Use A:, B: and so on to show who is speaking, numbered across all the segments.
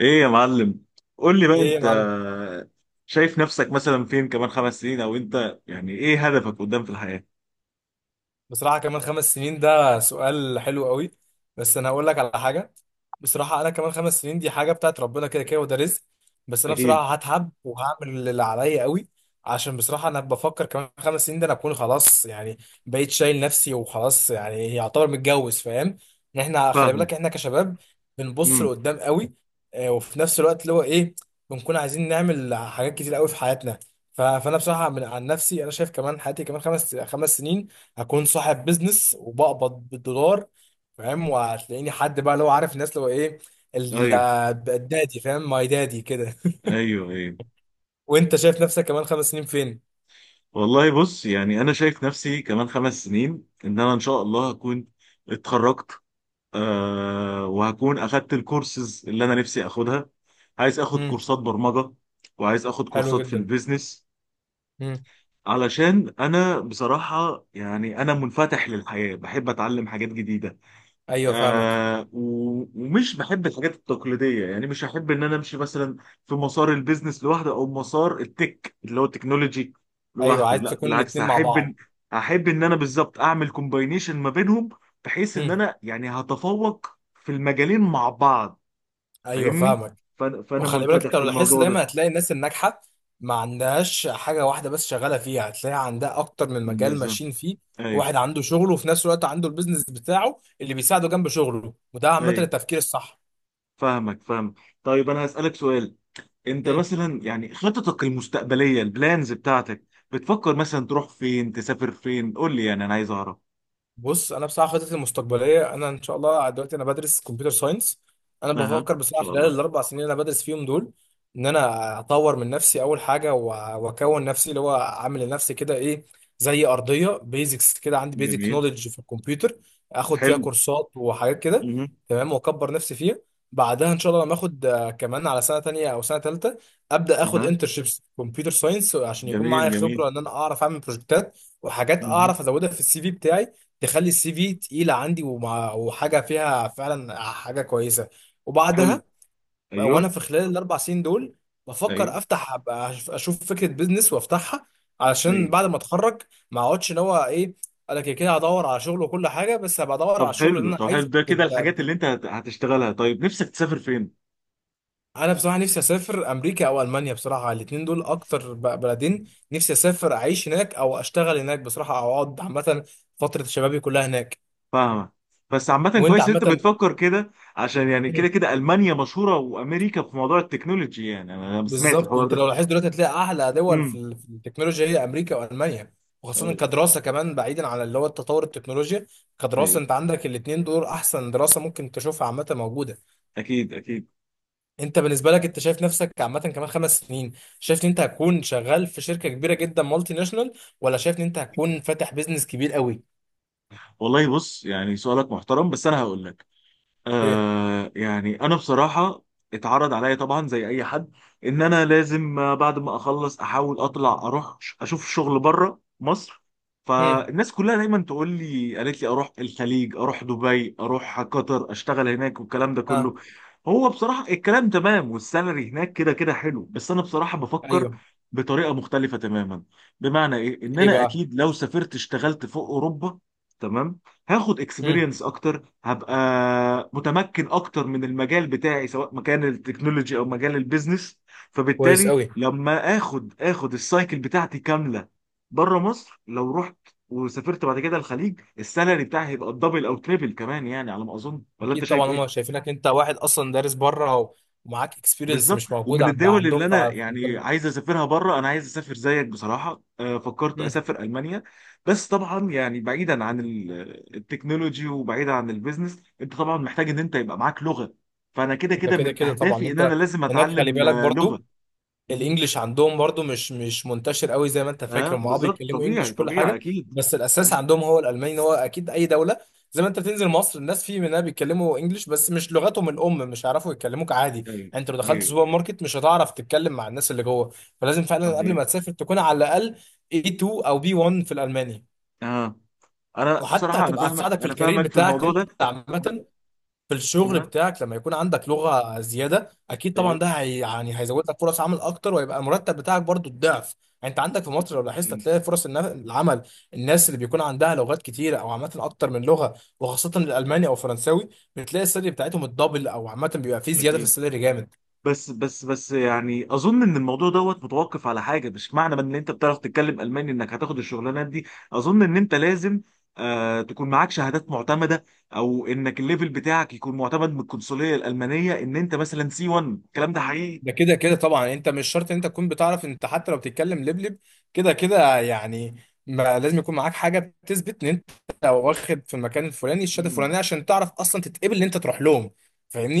A: ايه يا معلم. قول لي بقى
B: ايه يا
A: انت،
B: معلم.
A: شايف نفسك مثلا فين كمان خمس سنين، او انت يعني ايه هدفك قدام في الحياة؟
B: بصراحة كمان 5 سنين ده سؤال حلو قوي. بس أنا هقول لك على حاجة. بصراحة أنا كمان خمس سنين دي حاجة بتاعت ربنا كده كده، وده رزق. بس أنا
A: اكيد.
B: بصراحة هتعب وهعمل اللي عليا قوي. عشان بصراحة أنا بفكر كمان خمس سنين ده أنا أكون خلاص يعني، بقيت شايل نفسي وخلاص، يعني يعتبر متجوز، فاهم؟ إن إحنا، خلي
A: فاهمك.
B: بالك، إحنا كشباب بنبص
A: امم.
B: لقدام قوي. وفي نفس الوقت اللي هو إيه، بنكون عايزين نعمل حاجات كتير قوي في حياتنا. فأنا بصراحة من عن نفسي أنا شايف كمان حياتي كمان خمس سنين هكون صاحب بيزنس وبقبض بالدولار، فاهم؟ وهتلاقيني حد بقى لو عارف الناس، لو ايه، ال-
A: ايوه
B: الدادي، فاهم؟ ماي دادي كده.
A: ايوه ايوه.
B: وانت شايف نفسك كمان خمس سنين فين؟
A: والله بص، يعني انا شايف نفسي كمان خمس سنين ان انا ان شاء الله هكون اتخرجت، وهكون اخدت الكورسز اللي انا نفسي اخدها. عايز اخد
B: مم.
A: كورسات برمجة وعايز اخد
B: حلو
A: كورسات في
B: جدا.
A: البيزنس.
B: مم.
A: علشان انا بصراحة يعني انا منفتح للحياة، بحب اتعلم حاجات جديدة.
B: ايوه، فاهمك.
A: ومش بحب الحاجات التقليديه. يعني مش هحب ان انا امشي مثلا في مسار البيزنس لوحده او مسار التك اللي هو التكنولوجي
B: ايوه،
A: لوحده.
B: عايز
A: لا،
B: تكون
A: بالعكس،
B: الاتنين مع بعض.
A: هحب ان انا بالظبط اعمل كومباينيشن ما بينهم، بحيث ان
B: مم.
A: انا يعني هتفوق في المجالين مع بعض.
B: ايوه،
A: فاهمني.
B: فاهمك.
A: فأنا
B: وخلي بالك
A: منفتح
B: انت،
A: في
B: لو لاحظت
A: الموضوع ده.
B: دايما هتلاقي الناس الناجحه ما عندهاش حاجه واحده بس شغاله فيها، هتلاقي عندها اكتر من مجال
A: بالظبط.
B: ماشيين فيه.
A: ايوه
B: واحد عنده شغله وفي نفس الوقت عنده البيزنس بتاعه اللي بيساعده جنب شغله، وده عامه
A: ايوه.
B: التفكير الصح.
A: فاهمك فاهمك. طيب انا هسالك سؤال. انت مثلا يعني خططك المستقبليه، البلانز بتاعتك، بتفكر مثلا تروح فين، تسافر فين؟ قول لي يعني انا عايز اعرف.
B: بص، انا بصراحه خطتي المستقبليه، انا ان شاء الله دلوقتي انا بدرس كمبيوتر ساينس. انا
A: اها ان
B: بفكر بصراحه
A: شاء
B: خلال
A: الله.
B: ال 4 سنين اللي انا بدرس فيهم دول ان انا اطور من نفسي اول حاجه، واكون نفسي اللي هو اعمل لنفسي كده ايه، زي ارضيه بيزكس كده، عندي بيزك
A: جميل.
B: نوليدج في الكمبيوتر. اخد فيها
A: حلو.
B: كورسات وحاجات كده
A: اها.
B: تمام، واكبر نفسي فيها. بعدها ان شاء الله لما اخد، كمان على سنه تانية او سنه تالتة، ابدا اخد
A: اها.
B: انترشيبس كمبيوتر ساينس عشان يكون
A: جميل
B: معايا
A: جميل.
B: خبره، ان انا اعرف اعمل بروجكتات وحاجات
A: اها.
B: اعرف ازودها في السي في بتاعي. تخلي السي في تقيله عندي، ومع وحاجه فيها فعلا حاجه كويسه.
A: حلو.
B: وبعدها، وانا
A: ايوه
B: في خلال الاربع سنين دول بفكر
A: ايوه
B: افتح، أبقى اشوف فكره بيزنس وافتحها علشان بعد
A: ايوه.
B: ما اتخرج ما اقعدش ان هو ايه. انا كده كده هدور على شغل وكل حاجه، بس هبقى ادور على
A: طب
B: الشغل اللي
A: حلو
B: انا
A: طب حلو،
B: عايزه
A: ده كده الحاجات
B: ب-
A: اللي هتشتغلها. طيب نفسك تسافر فين؟
B: انا بصراحه نفسي اسافر امريكا او المانيا. بصراحه الاثنين دول اكتر بلدين نفسي اسافر اعيش هناك او اشتغل هناك بصراحه، او اقعد عامه فتره شبابي كلها هناك.
A: فاهمه. بس عامة
B: وانت
A: كويس ان انت
B: عامه؟
A: بتفكر كده، عشان يعني كده كده المانيا مشهوره وامريكا في موضوع التكنولوجي. يعني انا سمعت
B: بالظبط،
A: الحوار
B: انت
A: ده.
B: لو لاحظت دلوقتي هتلاقي اعلى دول في
A: امم.
B: في التكنولوجيا هي امريكا والمانيا. وخاصه
A: ايوه
B: كدراسه كمان، بعيدا عن اللي هو التطور التكنولوجيا.
A: ايوه.
B: كدراسه انت عندك الاثنين دول احسن دراسه ممكن تشوفها عامه موجوده.
A: اكيد اكيد.
B: انت بالنسبه لك، انت شايف نفسك عامه كمان خمس سنين شايف ان انت هتكون شغال في شركه كبيره جدا مالتي ناشونال، ولا شايف ان انت هتكون فاتح بيزنس كبير قوي؟
A: والله بص، يعني سؤالك محترم بس انا هقول لك.
B: اوكي.
A: آه يعني انا بصراحه اتعرض عليا طبعا زي اي حد ان انا لازم، بعد ما اخلص احاول اطلع اشوف شغل بره مصر.
B: امم.
A: فالناس كلها دايما تقول لي، قالت لي اروح الخليج، اروح دبي، اروح قطر، اشتغل هناك والكلام ده كله.
B: اه.
A: هو بصراحه الكلام تمام والسالري هناك كده كده حلو، بس انا بصراحه بفكر
B: ايوه.
A: بطريقه مختلفه تماما. بمعنى ايه، ان
B: ايه
A: انا
B: بقى؟
A: اكيد لو سافرت اشتغلت فوق اوروبا، تمام، هاخد
B: امم.
A: اكسبيرينس اكتر، هبقى متمكن اكتر من المجال بتاعي سواء مكان التكنولوجي او مجال البيزنس.
B: كويس
A: فبالتالي
B: قوي.
A: لما اخد السايكل بتاعتي كامله بره مصر، لو رحت وسافرت بعد كده الخليج، السالري بتاعي هيبقى الدبل او تريبل كمان يعني على ما اظن، ولا انت
B: اكيد
A: شايف
B: طبعا، هم
A: ايه؟
B: شايفينك انت واحد اصلا دارس بره ومعاك اكسبيرينس
A: بالظبط.
B: مش موجود
A: ومن
B: عند
A: الدول
B: عندهم
A: اللي
B: ف
A: انا
B: في
A: يعني
B: البلد.
A: عايز اسافرها بره، انا عايز اسافر زيك بصراحه. فكرت
B: مم.
A: اسافر المانيا. بس طبعا يعني بعيدا عن التكنولوجي وبعيدا عن البيزنس، انت طبعا محتاج ان انت يبقى معاك لغه. فانا كده
B: ده
A: كده
B: كده
A: من
B: كده طبعا
A: اهدافي ان انا
B: انت
A: لازم
B: هناك، خلي
A: اتعلم
B: بالك
A: لغه.
B: برضو،
A: مم.
B: الانجليش عندهم برضو مش منتشر قوي زي ما انت
A: اه
B: فاكر. هم اه
A: بالظبط،
B: بيتكلموا
A: طبيعي
B: انجليش وكل
A: طبيعي
B: حاجه،
A: اكيد.
B: بس الاساس
A: آه،
B: عندهم هو الالماني هو. اكيد اي دوله، زي ما انت بتنزل مصر الناس في منها بيتكلموا انجليش بس مش لغتهم الام، مش هيعرفوا يتكلموك عادي يعني.
A: ايوه
B: انت لو دخلت
A: ايوه
B: سوبر
A: ايوه.
B: ماركت مش هتعرف تتكلم مع الناس اللي جوه. فلازم فعلا قبل
A: صحيح.
B: ما تسافر تكون على الاقل A2 او B1 في الالماني.
A: اه انا
B: وحتى
A: بصراحه انا
B: هتبقى
A: فاهمك،
B: هتساعدك في
A: انا
B: الكارير
A: فاهمك في
B: بتاعك
A: الموضوع
B: انت
A: ده. ده-
B: عامة، في الشغل
A: اه.
B: بتاعك، لما يكون عندك لغة زيادة اكيد طبعا
A: ايوه.
B: ده هي يعني هيزود لك فرص عمل اكتر، ويبقى المرتب بتاعك برضو الضعف. يعني انت عندك في مصر لو لاحظت
A: أنت-
B: هتلاقي فرص العمل، الناس اللي بيكون عندها لغات كتيرة، او عامة اكتر من لغة، وخاصة الالماني او الفرنساوي، بتلاقي السالري بتاعتهم الدبل، او عامة بيبقى فيه زيادة في
A: اكيد.
B: السالري جامد.
A: بس بس بس يعني اظن ان الموضوع دوت متوقف على حاجه، مش معنى ان انت بتعرف تتكلم الماني انك هتاخد الشغلانات دي. اظن ان انت لازم تكون معاك شهادات معتمده، او انك الليفل بتاعك يكون معتمد من القنصليه الالمانيه، ان انت مثلا سي 1. الكلام ده حقيقي.
B: ده كده كده طبعا انت مش شرط ان انت تكون بتعرف، انت حتى لو بتتكلم لبلب كده كده يعني. ما لازم يكون معاك حاجه بتثبت ان انت واخد في المكان الفلاني الشهاده
A: مم.
B: الفلانيه، عشان تعرف اصلا تتقبل ان انت تروح لهم،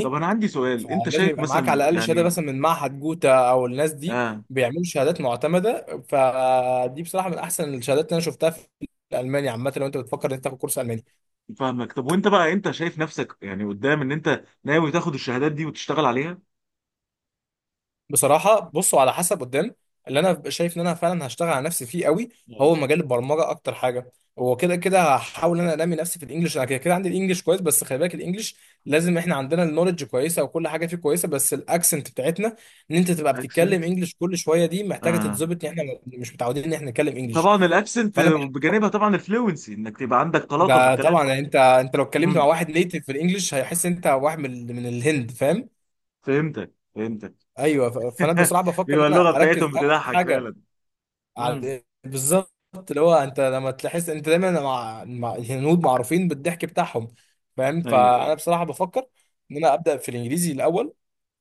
A: طب انا عندي سؤال. انت
B: فلازم
A: شايف
B: يبقى معاك
A: مثلا
B: على الاقل شهاده،
A: يعني.
B: مثلا من معهد جوتا، او الناس دي
A: اه
B: بيعملوا شهادات معتمده. فدي بصراحه من احسن الشهادات اللي انا شفتها في المانيا عامه لو انت بتفكر ان انت تاخد كورس الماني.
A: فاهمك. طب وانت بقى انت شايف نفسك يعني قدام ان انت ناوي تاخد الشهادات دي وتشتغل عليها؟
B: بصراحة بصوا، على حسب قدام اللي انا ببقى شايف ان انا فعلا هشتغل على نفسي فيه قوي هو مجال البرمجة اكتر حاجة. هو كده كده هحاول ان انا انمي نفسي في الانجليش. انا كده كده عندي الانجليش كويس، بس خلي بالك الانجليش لازم احنا عندنا النولج كويسة وكل حاجة فيه كويسة، بس الاكسنت بتاعتنا، ان انت تبقى بتتكلم
A: اكسنت.
B: انجليش كل شوية دي محتاجة تتظبط، ان احنا مش متعودين ان احنا نتكلم انجليش.
A: طبعا الاكسنت
B: فانا بح-
A: بجانبها، طبعا الفلوينسي انك تبقى عندك طلاقه في
B: ده
A: الكلام.
B: طبعا يعني انت، انت لو اتكلمت مع
A: امم.
B: واحد نيتيف في الانجليش هيحس انت واحد من الهند، فاهم؟
A: فهمتك فهمتك.
B: ايوه، فانا بصراحه بفكر ان
A: بيبقى اللغه
B: انا اركز
A: بتاعتهم
B: اول
A: بتضحك
B: حاجه
A: فعلا. امم.
B: على، بالظبط، اللي هو انت لما تحس انت دايما مع الهنود، معروفين بالضحك بتاعهم، فاهم؟
A: ايوه.
B: فانا
A: أيوة.
B: بصراحه بفكر ان انا ابدا في الانجليزي الاول،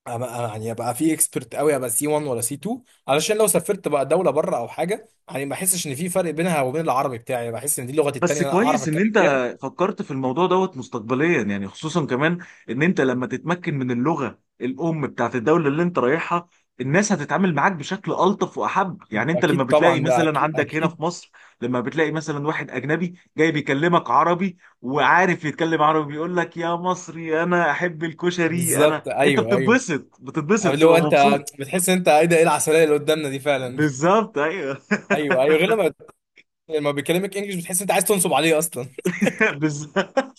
B: أبقى يعني ابقى فيه اكسبرت قوي، ابقى سي 1 ولا سي 2، علشان لو سافرت بقى دوله بره او حاجه يعني ما احسش ان في فرق بينها وبين العربي بتاعي، بحس ان دي لغتي التانيه
A: بس
B: اللي انا اعرف
A: كويس ان
B: اتكلم
A: انت
B: فيها.
A: فكرت في الموضوع دوت مستقبليا، يعني خصوصا كمان ان انت لما تتمكن من اللغة الام بتاعت الدولة اللي انت رايحها، الناس هتتعامل معاك بشكل الطف واحب. يعني انت لما
B: اكيد
A: بتلاقي
B: طبعا بقى،
A: مثلا
B: اكيد
A: عندك هنا
B: اكيد.
A: في مصر، لما بتلاقي مثلا واحد اجنبي جاي بيكلمك عربي وعارف يتكلم عربي، بيقول لك يا مصري انا احب الكشري، انا
B: بالظبط،
A: انت
B: ايوه ايوه،
A: بتتبسط بتتبسط
B: اللي هو
A: تبقى
B: انت
A: مبسوط.
B: بتحس ان انت ايه ده، ايه العسليه اللي قدامنا دي فعلا.
A: بالظبط. ايوه.
B: ايوه ايوه، غير لما بيكلمك انجلش بتحس ان انت عايز تنصب عليه اصلا.
A: بالظبط.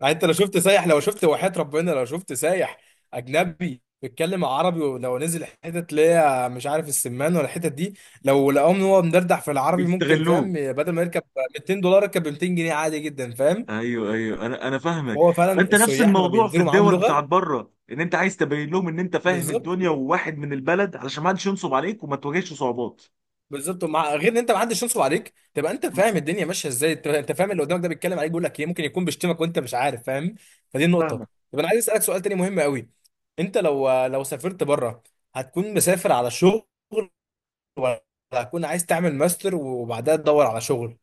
B: يعني انت لو شفت سايح، لو شفت وحياة ربنا لو شفت سايح اجنبي بيتكلم عربي، ولو نزل حتت اللي هي مش عارف السمان ولا الحتت دي، لو لقاهم ان هو مدردح في العربي ممكن، فاهم،
A: بيستغلوك.
B: بدل ما يركب 200 دولار يركب ب 200 جنيه عادي جدا، فاهم؟
A: ايوه ايوه. انا فاهمك.
B: فهو فعلا
A: فانت نفس
B: السياح لما
A: الموضوع في
B: بينزلوا معاهم
A: الدول
B: لغة،
A: بتاعت بره، ان انت عايز تبين لهم ان انت فاهم
B: بالظبط.
A: الدنيا وواحد من البلد، علشان ما حدش ينصب عليك وما تواجهش صعوبات.
B: بالظبط، ومع، غير ان انت ما حدش ينصب عليك، تبقى انت فاهم الدنيا ماشيه ازاي، انت أنت فاهم اللي قدامك ده بيتكلم عليك بيقول لك ايه، ممكن يكون بيشتمك وانت مش عارف، فاهم؟ فدي النقطه.
A: فاهمك.
B: طب انا عايز اسالك سؤال تاني مهم قوي، انت لو سافرت بره هتكون مسافر على شغل، ولا هتكون عايز تعمل ماستر وبعدها تدور على شغل؟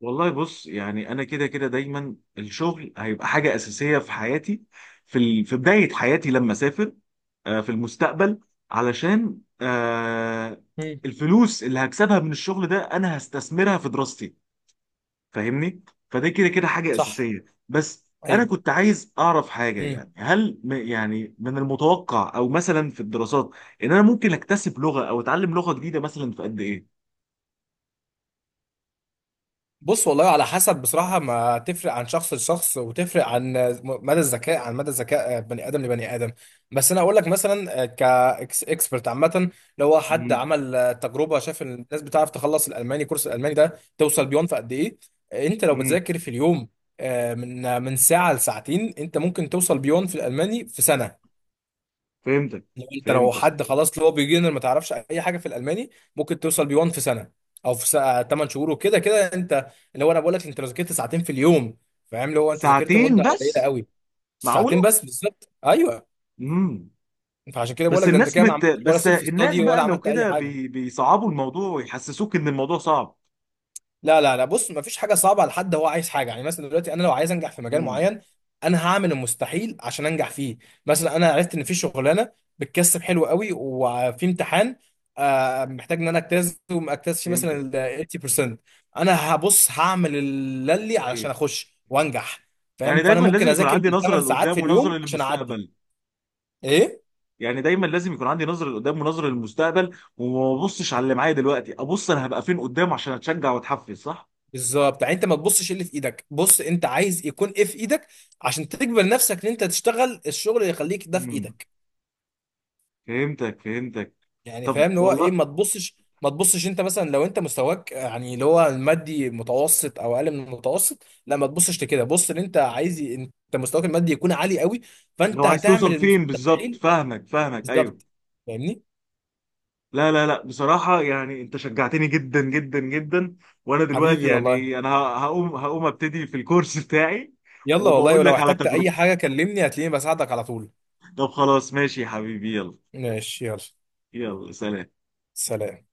A: والله بص، يعني انا كده كده دايما الشغل هيبقى حاجه اساسيه في حياتي، في في بدايه حياتي لما اسافر في المستقبل. علشان
B: مم.
A: الفلوس اللي هكسبها من الشغل ده انا هستثمرها في دراستي. فاهمني. فده كده كده حاجه
B: صح.
A: اساسيه. بس انا
B: ايوه.
A: كنت عايز اعرف حاجه، يعني هل يعني من المتوقع او مثلا في الدراسات ان انا ممكن اكتسب لغه او اتعلم لغه جديده مثلا في قد ايه؟
B: بص، والله على حسب، بصراحة ما تفرق عن شخص لشخص، وتفرق عن مدى الذكاء، عن مدى ذكاء بني آدم لبني آدم. بس أنا أقول لك مثلا كإكسبرت عامة، لو هو حد
A: امم.
B: عمل تجربة شاف إن الناس بتعرف تخلص الألماني، كورس الألماني ده توصل بيون في قد إيه. أنت لو
A: امم.
B: بتذاكر في اليوم من ساعة لساعتين، أنت ممكن توصل بيون في الألماني في سنة.
A: فهمتك
B: لو انت، لو
A: فهمتك.
B: حد خلاص اللي هو بيجنر ما تعرفش اي حاجه في الالماني، ممكن توصل بي 1 في سنه، او في سنة 8 شهور، وكده كده انت. اللي هو انا بقول لك انت لو ذاكرت ساعتين في اليوم، فاهم اللي هو انت ذاكرت
A: ساعتين
B: مده قليله
A: بس؟
B: قوي. ساعتين
A: معقوله.
B: بس، بالظبط، ايوه.
A: امم.
B: فعشان كده بقول لك ده انت كده ما عملتش ولا
A: بس
B: سيلف
A: الناس
B: ستادي ولا
A: بقى لو
B: عملت اي
A: كده
B: حاجه.
A: بيصعبوا الموضوع ويحسسوك ان الموضوع صعب.
B: لا لا لا، بص مفيش حاجه صعبه على حد هو عايز حاجه، يعني مثلا دلوقتي انا لو عايز انجح في مجال
A: امم.
B: معين انا هعمل المستحيل عشان انجح فيه. مثلا انا عرفت ان في شغلانه بتكسب حلو قوي، وفي امتحان محتاج ان انا اجتاز، ومجتاز فيه مثلا
A: فهمتك.
B: ال 80%، انا هبص هعمل اللي لي
A: ايوه.
B: علشان اخش وانجح،
A: يعني
B: فاهم؟ فانا
A: دايما
B: ممكن
A: لازم يكون
B: اذاكر
A: عندي نظره
B: بالثمان ساعات
A: لقدام
B: في
A: ونظره
B: اليوم عشان اعدي.
A: للمستقبل.
B: ايه؟
A: يعني دايما لازم يكون عندي نظره لقدام ونظره للمستقبل، وما ابصش على اللي معايا دلوقتي، ابص انا هبقى فين قدام عشان اتشجع واتحفز. صح.
B: بالظبط، يعني انت ما تبصش اللي في ايدك، بص انت عايز يكون ايه في ايدك عشان تجبر نفسك ان انت تشتغل الشغل اللي يخليك ده في
A: امم.
B: ايدك.
A: فهمتك فهمتك.
B: يعني
A: طب
B: فاهم اللي هو ايه،
A: والله.
B: ما تبصش. ما تبصش انت مثلا، لو انت مستواك، يعني اللي هو المادي متوسط او اقل من المتوسط، لا، ما تبصش لكده، بص اللي انت عايز، انت مستواك المادي يكون عالي قوي،
A: لو
B: فانت
A: عايز
B: هتعمل
A: توصل فين بالظبط،
B: المستحيل.
A: فاهمك فاهمك. ايوه.
B: بالظبط. فاهمني.
A: لا لا لا، بصراحة يعني انت شجعتني جدا جدا جدا. وانا دلوقتي
B: حبيبي والله.
A: يعني انا هقوم ابتدي في الكورس بتاعي.
B: يلا والله،
A: وبقول
B: ولو
A: لك على
B: احتجت اي
A: تجربتي.
B: حاجة كلمني هتلاقيني بساعدك على طول.
A: طب خلاص ماشي يا حبيبي. يلا.
B: ماشي، يلا،
A: يلا سلام.
B: سلام.